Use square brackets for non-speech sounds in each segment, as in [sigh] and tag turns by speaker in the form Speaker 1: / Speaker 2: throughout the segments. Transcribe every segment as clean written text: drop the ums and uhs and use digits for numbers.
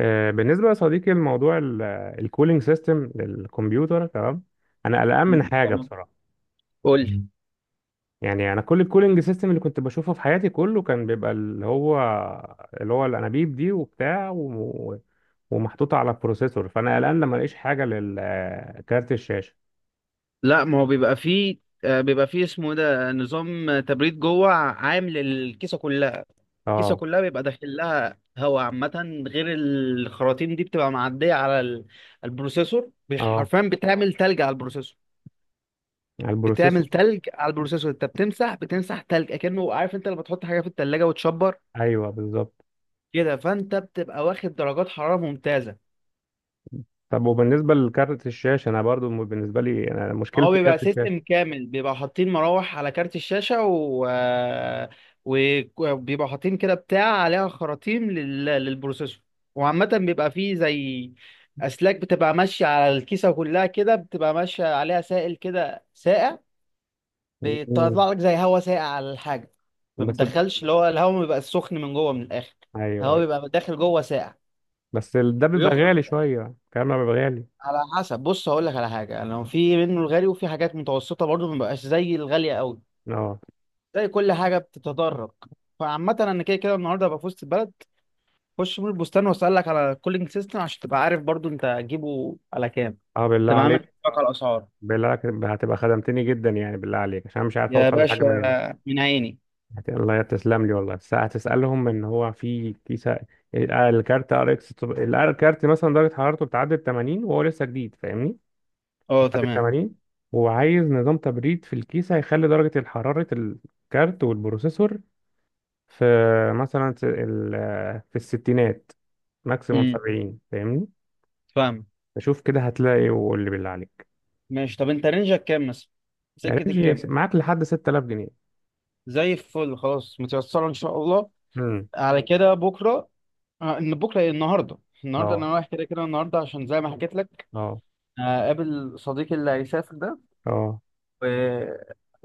Speaker 1: بالنسبة يا صديقي لموضوع الكولينج سيستم للكمبيوتر. تمام، أنا قلقان من حاجة
Speaker 2: تمام.
Speaker 1: بصراحة.
Speaker 2: قول لي.
Speaker 1: يعني أنا كل الكولينج سيستم اللي كنت بشوفه في حياتي كله كان بيبقى اللي هو الأنابيب دي وبتاع ومحطوطة على البروسيسور، فأنا قلقان لما ألاقيش حاجة للكارت الشاشة.
Speaker 2: لا، ما هو بيبقى فيه. بيبقى فيه اسمه إيه ده، نظام تبريد جوه عام للكيسه كلها. الكيسه
Speaker 1: اه.
Speaker 2: كلها بيبقى داخل لها هواء عامه غير الخراطيم دي، بتبقى معديه على البروسيسور.
Speaker 1: اه،
Speaker 2: حرفيا بتعمل تلج على البروسيسور.
Speaker 1: على البروسيسور.
Speaker 2: بتعمل تلج على البروسيسور. انت بتمسح، تلج اكنه، عارف انت لما تحط حاجه في التلاجة وتشبر
Speaker 1: أيوه بالظبط.
Speaker 2: كده، فانت بتبقى واخد درجات حراره ممتازه.
Speaker 1: طب وبالنسبة لكارت الشاشة، أنا برضو بالنسبة لي أنا
Speaker 2: هو
Speaker 1: مشكلتي
Speaker 2: بيبقى
Speaker 1: كارت
Speaker 2: سيستم
Speaker 1: الشاشة.
Speaker 2: كامل، بيبقى حاطين مراوح على كارت الشاشة وبيبقى حاطين كده بتاع عليها خراطيم للبروسيسور. وعامة بيبقى فيه زي أسلاك بتبقى ماشية على الكيسة كلها كده، بتبقى ماشية عليها سائل كده ساقع.
Speaker 1: مم.
Speaker 2: بيطلع لك زي هوا ساقع على الحاجة. ما
Speaker 1: بس،
Speaker 2: بتدخلش اللي هو الهوا، ما بيبقى سخن من جوه من الآخر.
Speaker 1: أيوه
Speaker 2: الهوا
Speaker 1: أيوه.
Speaker 2: بيبقى داخل جوه ساقع
Speaker 1: بس ده بيبقى
Speaker 2: ويخرج.
Speaker 1: غالي شوية، كلامنا بيبقى غالي.
Speaker 2: على حسب. بص، هقول لك على حاجة، لو في منه الغالي وفي حاجات متوسطة برضه، ما بيبقاش زي الغالية قوي.
Speaker 1: اه.
Speaker 2: زي كل حاجه بتتدرج. فعامة انا كده كده النهارده هبقى في وسط البلد، خش من البستان واسالك على الكولينج سيستم عشان تبقى عارف برضو انت هتجيبه على كام،
Speaker 1: اه بالله
Speaker 2: تبقى عامل
Speaker 1: عليك.
Speaker 2: حسابك على الاسعار.
Speaker 1: بالله عليك هتبقى خدمتني جدا يعني، بالله عليك عشان مش عارف
Speaker 2: يا
Speaker 1: اوصل لحاجة
Speaker 2: باشا،
Speaker 1: من هنا.
Speaker 2: من عيني.
Speaker 1: الله تسلم لي والله، بس هتسألهم ان هو في كيسة الكارت ار اكس، الكارت مثلا درجة حرارته بتعدي ال 80 وهو لسه جديد، فاهمني؟
Speaker 2: اه
Speaker 1: بتعدي ال
Speaker 2: تمام.
Speaker 1: 80، وعايز نظام تبريد في الكيسة يخلي درجة حرارة الكارت والبروسيسور في مثلا في الستينات، ماكسيموم
Speaker 2: امم
Speaker 1: 70، فاهمني؟
Speaker 2: فاهم.
Speaker 1: فشوف كده هتلاقي، واللي بالله عليك.
Speaker 2: ماشي، طب انت رينجك كام مثلا؟ سكه
Speaker 1: رينج
Speaker 2: الكام؟
Speaker 1: معاك لحد 6000 جنيه.
Speaker 2: زي الفل، خلاص، متيسره ان شاء الله.
Speaker 1: امم.
Speaker 2: على كده بكره. ان بكره إيه؟ النهارده. النهارده
Speaker 1: اه.
Speaker 2: انا رايح كده كده، النهارده عشان زي ما حكيت لك،
Speaker 1: اه.
Speaker 2: قابل صديقي اللي هيسافر
Speaker 1: اه.
Speaker 2: ده.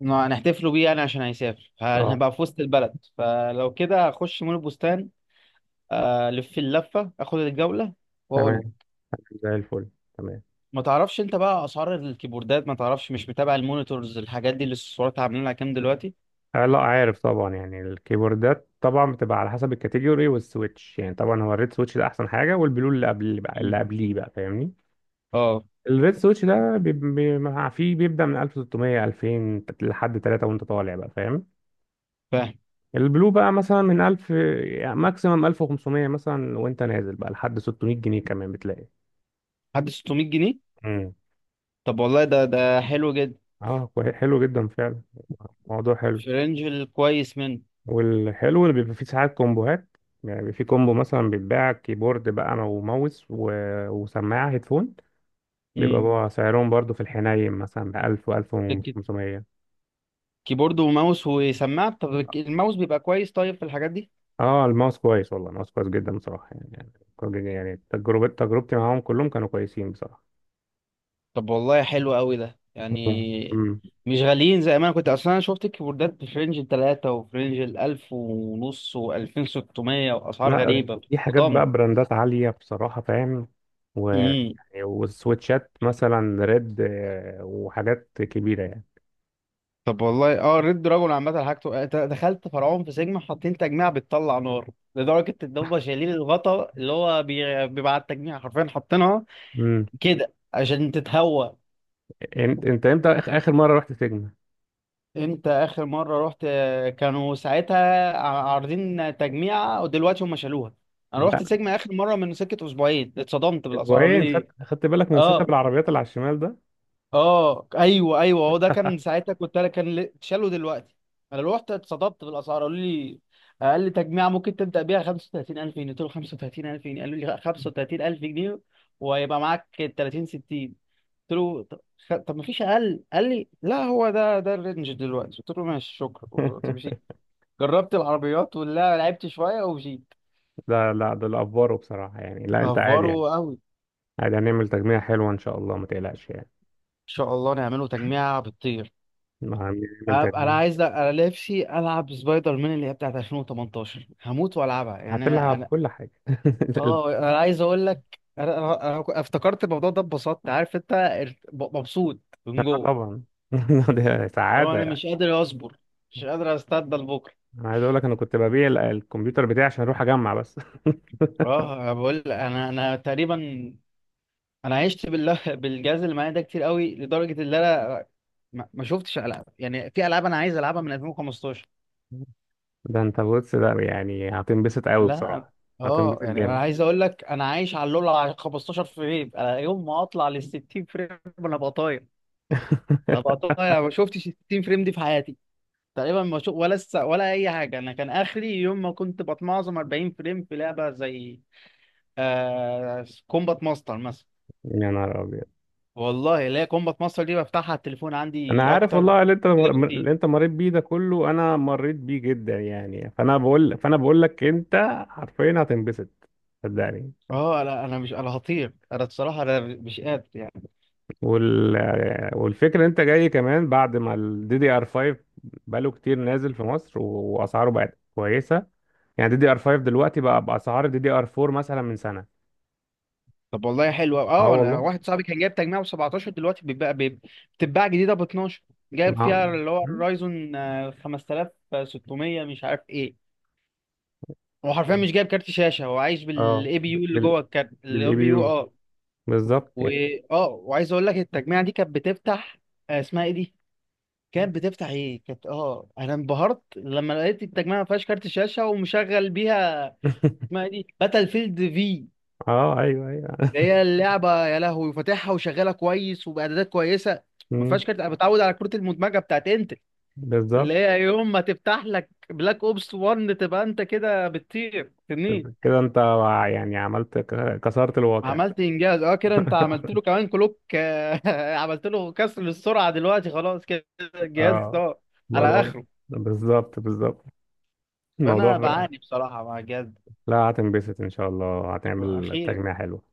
Speaker 2: ما هنحتفلوا بيه يعني، عشان هيسافر،
Speaker 1: اه.
Speaker 2: هنبقى في وسط البلد، فلو كده هخش مول البستان، الف اللفه، اخد الجوله واقول
Speaker 1: تمام،
Speaker 2: لك.
Speaker 1: زي الفل. تمام.
Speaker 2: ما تعرفش انت بقى اسعار الكيبوردات؟ ما تعرفش، مش متابع المونيتورز الحاجات دي اللي السعرات عاملين لها كام دلوقتي؟
Speaker 1: آه لا عارف طبعا، يعني الكيبوردات طبعا بتبقى على حسب الكاتيجوري والسويتش. يعني طبعا هو الريد سويتش ده احسن حاجه، والبلو اللي اللي
Speaker 2: مم.
Speaker 1: قبليه بقى، فاهمني؟
Speaker 2: اه
Speaker 1: الريد سويتش ده فيه بيبدا من 1600، 2000، لحد 3 وانت طالع بقى، فاهم؟
Speaker 2: فاهم.
Speaker 1: البلو بقى مثلا من 1000، يعني ماكسيمم 1500 مثلا، وانت نازل بقى لحد 600 جنيه كمان بتلاقي.
Speaker 2: حد 600 جنيه؟
Speaker 1: امم.
Speaker 2: طب والله ده ده حلو جدا.
Speaker 1: اه حلو جدا فعلا، موضوع حلو.
Speaker 2: في رينج الكويس منه.
Speaker 1: والحلو اللي بيبقى فيه ساعات كومبوهات، يعني بيبقى فيه كومبو مثلا بيتباع كيبورد بقى وماوس وسماعة هيدفون. بيبقى
Speaker 2: امم.
Speaker 1: بقى سعرهم برضو في الحنين مثلا ب 1000 و 1500.
Speaker 2: كيبورد وماوس وسماعه؟ طب الماوس بيبقى كويس طيب في الحاجات دي؟
Speaker 1: اه الماوس كويس، والله الماوس كويس جدا بصراحة يعني يعني تجربة تجربتي معاهم كلهم كانوا كويسين بصراحة.
Speaker 2: طب والله حلو قوي ده يعني.
Speaker 1: مم.
Speaker 2: مش غاليين زي ما انا كنت اصلا. انا شفت الكيبوردات في رينج التلاتة، وفي رينج الالف ونص والفين ستمية واسعار
Speaker 1: لا
Speaker 2: غريبة.
Speaker 1: دي حاجات بقى
Speaker 2: ضم.
Speaker 1: براندات عالية بصراحة، فاهم؟
Speaker 2: امم.
Speaker 1: يعني والسويتشات مثلا ريد وحاجات كبيرة يعني.
Speaker 2: طب والله اه، ريد دراجون عامة حاجته دخلت فرعون في سيجما، حاطين تجميع بتطلع نار، لدرجة ان هم شايلين الغطا اللي هو بيبقى على التجميع، حرفيا حاطينها
Speaker 1: امم.
Speaker 2: كده عشان تتهوى.
Speaker 1: انت امتى اخر مرة رحت فيجما؟
Speaker 2: انت اخر مره رحت، كانوا ساعتها عارضين تجميعه، ودلوقتي هم شالوها. انا رحت
Speaker 1: لا،
Speaker 2: سيجما اخر مره من سكه اسبوعين، اتصدمت بالاسعار. قالوا
Speaker 1: اسبوعين.
Speaker 2: لي،
Speaker 1: خدت بالك من سيت
Speaker 2: اه
Speaker 1: بالعربيات اللي على الشمال ده؟
Speaker 2: اه ايوه ايوه، هو ده كان ساعتها كنت انا، كان شالوا دلوقتي. انا رحت اتصدمت بالاسعار. قالوا لي اقل تجميعه ممكن تبدا بيها 35000 جنيه. قلت له 35000 جنيه؟ قالوا لي 35000 جنيه وهيبقى معاك 30 60. قلت له طب، طب ما فيش اقل؟ قال لي لا، هو ده ده الرينج دلوقتي. قلت له ماشي شكرا.
Speaker 1: [laughs]
Speaker 2: جربت العربيات ولا، لعبت شويه وجيت.
Speaker 1: ده لا، ده الافبارو بصراحة يعني. لا انت عادي
Speaker 2: افوره
Speaker 1: يعني،
Speaker 2: قوي ان
Speaker 1: عادي هنعمل تجميع حلوة ان شاء الله، ما تقلقش يعني.
Speaker 2: شاء الله، نعمله تجميعه بتطير.
Speaker 1: ما هنعمل
Speaker 2: انا
Speaker 1: تجميع.
Speaker 2: عايز، انا نفسي العب سبايدر مان اللي هي بتاعت 2018، هموت والعبها يعني. انا
Speaker 1: هتلعب
Speaker 2: انا
Speaker 1: كل حاجة. [laughs] ال-
Speaker 2: اه، انا عايز اقول لك، انا انا أنا كو- افتكرت الموضوع ده اتبسطت، عارف انت، مبسوط من جوه.
Speaker 1: طبعا. [laughs] ده
Speaker 2: لو
Speaker 1: سعادة
Speaker 2: انا
Speaker 1: يعني.
Speaker 2: مش قادر اصبر، مش قادر استنى لبكره.
Speaker 1: انا عايز اقول لك انا كنت ببيع الكمبيوتر بتاعي عشان اروح اجمع بس.
Speaker 2: اه انا بقول لك، انا تقريبا انا عشت بالله بالجهاز اللي معايا ده كتير قوي، لدرجه ان انا ما شفتش العاب، يعني في العاب انا عايز العبها من 2015.
Speaker 1: [laughs] ده انت بص، ده يعني هتنبسط قوي
Speaker 2: لا.
Speaker 1: بصراحة.
Speaker 2: اه،
Speaker 1: هتنبسط
Speaker 2: يعني انا
Speaker 1: جامد.
Speaker 2: عايز اقول لك، انا عايش على اللول على 15 فريم. انا يوم ما اطلع لل 60 فريم انا بقى طاير. انا
Speaker 1: [laughs]
Speaker 2: بقى طاير. ما شفتش ال 60 فريم دي في حياتي تقريبا. ما شو ولا ولا اي حاجه. انا كان اخري يوم ما كنت بتمعظم 40 فريم في لعبه زي كومبات ماستر مثلا.
Speaker 1: يا نهار ابيض.
Speaker 2: والله لا، كومبات ماستر دي بفتحها على التليفون
Speaker 1: انا
Speaker 2: عندي
Speaker 1: عارف
Speaker 2: اكتر
Speaker 1: والله، اللي انت
Speaker 2: بكتير.
Speaker 1: اللي انت مريت بيه ده كله انا مريت بيه جدا يعني، فانا بقول لك انت حرفيا هتنبسط، صدقني.
Speaker 2: اه لا انا مش، انا هطير انا بصراحه. انا مش قادر يعني.
Speaker 1: وال والفكره إن انت جاي كمان بعد ما الدي دي ار 5 بقاله كتير نازل في مصر واسعاره بقت كويسه. يعني دي دي ار 5 دلوقتي بقى باسعار دي دي ار 4 مثلا من سنه.
Speaker 2: طب والله حلو أوي.
Speaker 1: اه
Speaker 2: اه، انا
Speaker 1: والله.
Speaker 2: واحد صاحبي كان جايب تجميع ب 17، دلوقتي بيبقى بتتباع جديده ب 12. جايب فيها
Speaker 1: نعم.
Speaker 2: اللي هو
Speaker 1: مم.
Speaker 2: الرايزون 5600 مش عارف ايه. هو حرفيا مش جايب كارت شاشه، هو عايش
Speaker 1: اه
Speaker 2: بالاي بي يو اللي جوه الكارت، الاي
Speaker 1: بالاي بي
Speaker 2: بي يو
Speaker 1: يو،
Speaker 2: اه.
Speaker 1: بالظبط
Speaker 2: و
Speaker 1: يعني.
Speaker 2: اه، وعايز اقول لك التجميع دي كانت بتفتح، اسمها ايه دي؟ كانت بتفتح ايه؟ كانت، اه انا انبهرت لما لقيت التجميع ما فيهاش كارت شاشه ومشغل بيها،
Speaker 1: [laughs]
Speaker 2: اسمها ايه دي، باتل فيلد في.
Speaker 1: اه ايوه ايوه.
Speaker 2: ده هي اللعبه، يا لهوي، فاتحها وشغاله كويس وباعدادات كويسه. ما
Speaker 1: مم.
Speaker 2: فيهاش كارت. انا بتعود على كروت المدمجه بتاعت انت، اللي
Speaker 1: بالظبط.
Speaker 2: هي يوم ما تفتح لك بلاك اوبس 1 تبقى انت كده بتطير تنين.
Speaker 1: كده انت يعني عملت كسرت الواقع.
Speaker 2: عملت انجاز. اه كده انت عملت له
Speaker 1: [laughs]
Speaker 2: كمان كلوك، [laughs] عملت له كسر للسرعه دلوقتي. خلاص كده الجهاز
Speaker 1: اه،
Speaker 2: ده على
Speaker 1: موضوع.
Speaker 2: اخره.
Speaker 1: بالظبط بالظبط،
Speaker 2: فانا
Speaker 1: الموضوع.
Speaker 2: بعاني بصراحه مع الجهاز ده.
Speaker 1: لا هتنبسط ان شاء الله، هتعمل
Speaker 2: اخيرا.
Speaker 1: تجميع حلو.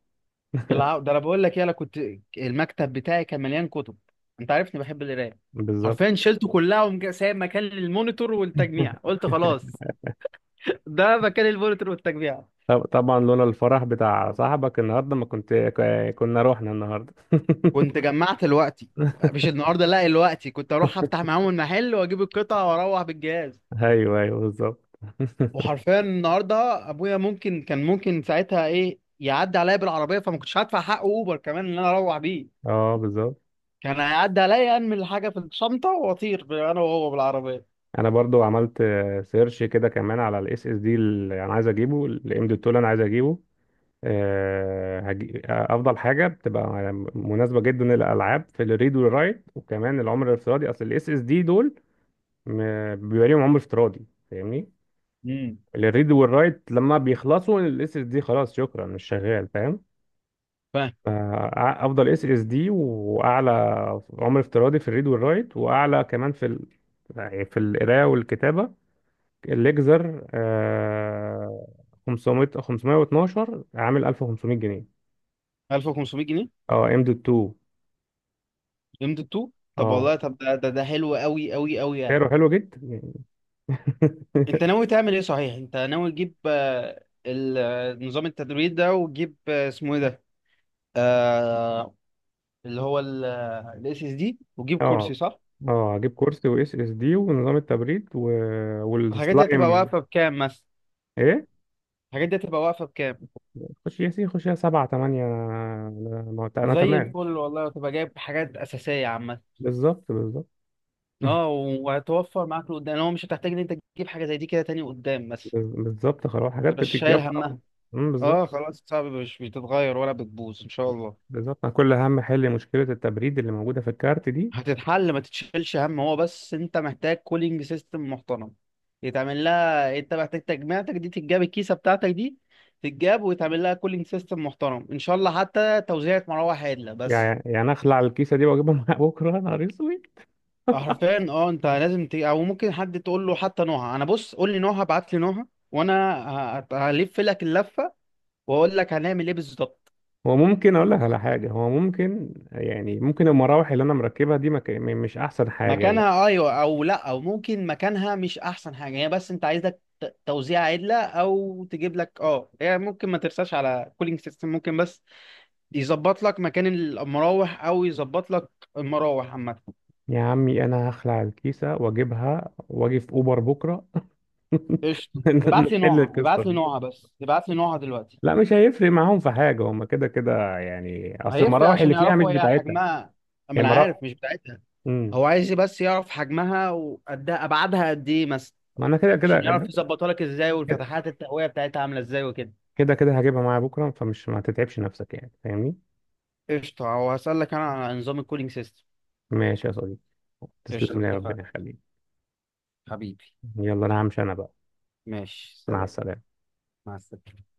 Speaker 1: [laughs]
Speaker 2: ده انا بقول لك ايه، انا كنت المكتب بتاعي كان مليان كتب. انت عارفني بحب القرايه.
Speaker 1: بالظبط.
Speaker 2: حرفيا شلته كلها، سايب مكان للمونيتور والتجميع. قلت خلاص، ده مكان المونيتور والتجميع.
Speaker 1: طبعا لولا الفرح بتاع صاحبك النهارده ما كنت كنا رحنا النهارده.
Speaker 2: كنت جمعت الوقتي،
Speaker 1: [laughs]
Speaker 2: مش النهارده، لا الوقتي. كنت اروح افتح معاهم المحل واجيب القطع واروح بالجهاز.
Speaker 1: ايوه ايوه بالظبط.
Speaker 2: وحرفيا النهارده ابويا ممكن كان، ممكن ساعتها ايه، يعدي عليا بالعربيه، فما كنتش هدفع حق اوبر كمان ان انا اروح بيه.
Speaker 1: [laughs] اه بالظبط.
Speaker 2: كان هيعدي عليا، انمي الحاجه في الشنطه واطير انا وهو بالعربيه.
Speaker 1: انا برضو عملت سيرش كده كمان على الاس اس دي اللي انا عايز اجيبه، الام دوت اللي انا عايز اجيبه. افضل حاجه بتبقى مناسبه جدا للالعاب في الريد والرايت، وكمان العمر الافتراضي. اصل الاس اس دي دول بيبقى ليهم عمر افتراضي، فاهمني؟
Speaker 2: امم.
Speaker 1: الريد والرايت لما بيخلصوا الاس اس دي خلاص شكرا مش شغال، فاهم؟ افضل اس اس دي، واعلى عمر افتراضي في الريد والرايت، واعلى كمان يعني في القراءه والكتابه. الليكزر آه 500، 512، عامل 1500 جنيه.
Speaker 2: 1500 جنيه؟
Speaker 1: اه ام دوت 2. اه.
Speaker 2: ليميتد 2؟ طب
Speaker 1: اه
Speaker 2: والله، طب ده ده، ده حلو قوي قوي قوي يعني.
Speaker 1: سعره حلو جدا يعني.
Speaker 2: انت
Speaker 1: [laughs]
Speaker 2: ناوي تعمل ايه صحيح؟ انت ناوي تجيب نظام التدريب ده، وتجيب اسمه ايه ده، آه، اللي هو الاس اس دي، وتجيب كرسي،
Speaker 1: اه.
Speaker 2: صح؟
Speaker 1: اه هجيب كرسي واس اس دي ونظام التبريد
Speaker 2: الحاجات دي هتبقى
Speaker 1: والسلايم.
Speaker 2: واقفه بكام مثلا؟
Speaker 1: ايه،
Speaker 2: الحاجات دي هتبقى واقفه بكام؟
Speaker 1: خش يا سي، خش يا سبعة تمانية، انا ما أنت- أنا
Speaker 2: زي
Speaker 1: تمام.
Speaker 2: الفل والله، وتبقى جايب حاجات اساسيه عامه.
Speaker 1: بالظبط بالظبط.
Speaker 2: اه
Speaker 1: [laughs]
Speaker 2: وهتوفر معاك لقدام، لو مش هتحتاج ان انت تجيب حاجه زي دي كده تاني قدام مثلا،
Speaker 1: بالظبط خلاص، حاجات
Speaker 2: متبقاش شايل
Speaker 1: بتتجمع أه.
Speaker 2: همها.
Speaker 1: أمم،
Speaker 2: اه
Speaker 1: بالظبط.
Speaker 2: خلاص، صعب مش بتتغير ولا بتبوظ ان شاء الله.
Speaker 1: بالظبط أنا كل اهم حل مشكلة التبريد اللي موجودة في الكارت دي.
Speaker 2: هتتحل، ما تتشيلش هم، هو بس انت محتاج كولينج سيستم محترم يتعمل لها. انت محتاج تجميعتك دي تتجاب، الكيسه بتاعتك دي تتجاب، ويتعمل لها كولينج سيستم محترم ان شاء الله، حتى توزيعة مروحه عادله بس.
Speaker 1: يعني اخلع الكيسه دي واجيبها [laughs] معايا بكره، يا نهار اسود.
Speaker 2: حرفيا اه، انت لازم او ممكن حد تقول له حتى نوعها. انا بص، قول لي نوعها، ابعت لي نوعها، وانا هلف لك اللفه واقول لك هنعمل ايه بالظبط.
Speaker 1: هو ممكن اقول لك على حاجه، هو ممكن يعني، ممكن المراوح اللي انا مركبها دي ما مش احسن حاجه لا.
Speaker 2: مكانها ايوه، او لا، او ممكن مكانها مش احسن حاجه هي، بس انت عايزك توزيع عدله، او تجيب لك اه. هي ممكن ما ترساش على كولينج سيستم، ممكن بس يظبط لك مكان المراوح، او يظبط لك المراوح عامه.
Speaker 1: يا عمي انا هخلع الكيسه واجيبها واجي في اوبر بكره. [laughs]
Speaker 2: قشطه. ابعت لي
Speaker 1: نحل
Speaker 2: نوعها،
Speaker 1: القصه
Speaker 2: ابعت لي
Speaker 1: دي.
Speaker 2: نوعها، بس ابعت لي نوعها دلوقتي.
Speaker 1: لا مش هيفرق معاهم في حاجه، هما كده كده يعني، اصل
Speaker 2: هيفرق
Speaker 1: المراوح
Speaker 2: عشان
Speaker 1: اللي فيها مش
Speaker 2: يعرفوا هي
Speaker 1: بتاعتها.
Speaker 2: حجمها. ما
Speaker 1: هي
Speaker 2: انا
Speaker 1: مراوح.
Speaker 2: عارف مش بتاعتها.
Speaker 1: امم.
Speaker 2: هو عايز بس يعرف حجمها وقدها، ابعادها قد ايه مثلا،
Speaker 1: ما انا كده كده.
Speaker 2: عشان يعرف يظبطها لك ازاي، والفتحات التهويه بتاعتها عامله ازاي وكده.
Speaker 1: كده كده هجيبها معايا بكره، فمش ما تتعبش نفسك يعني، فاهمني؟
Speaker 2: قشطة. وهسألك أنا عن نظام الكولينج سيستم.
Speaker 1: ماشي يا صديقي،
Speaker 2: قشطة
Speaker 1: تسلم لي
Speaker 2: اتفقنا.
Speaker 1: ربنا يخليك.
Speaker 2: حبيبي.
Speaker 1: يلا انا همشي انا بقى.
Speaker 2: ماشي
Speaker 1: مع
Speaker 2: سلام.
Speaker 1: السلامة.
Speaker 2: مع السلامة.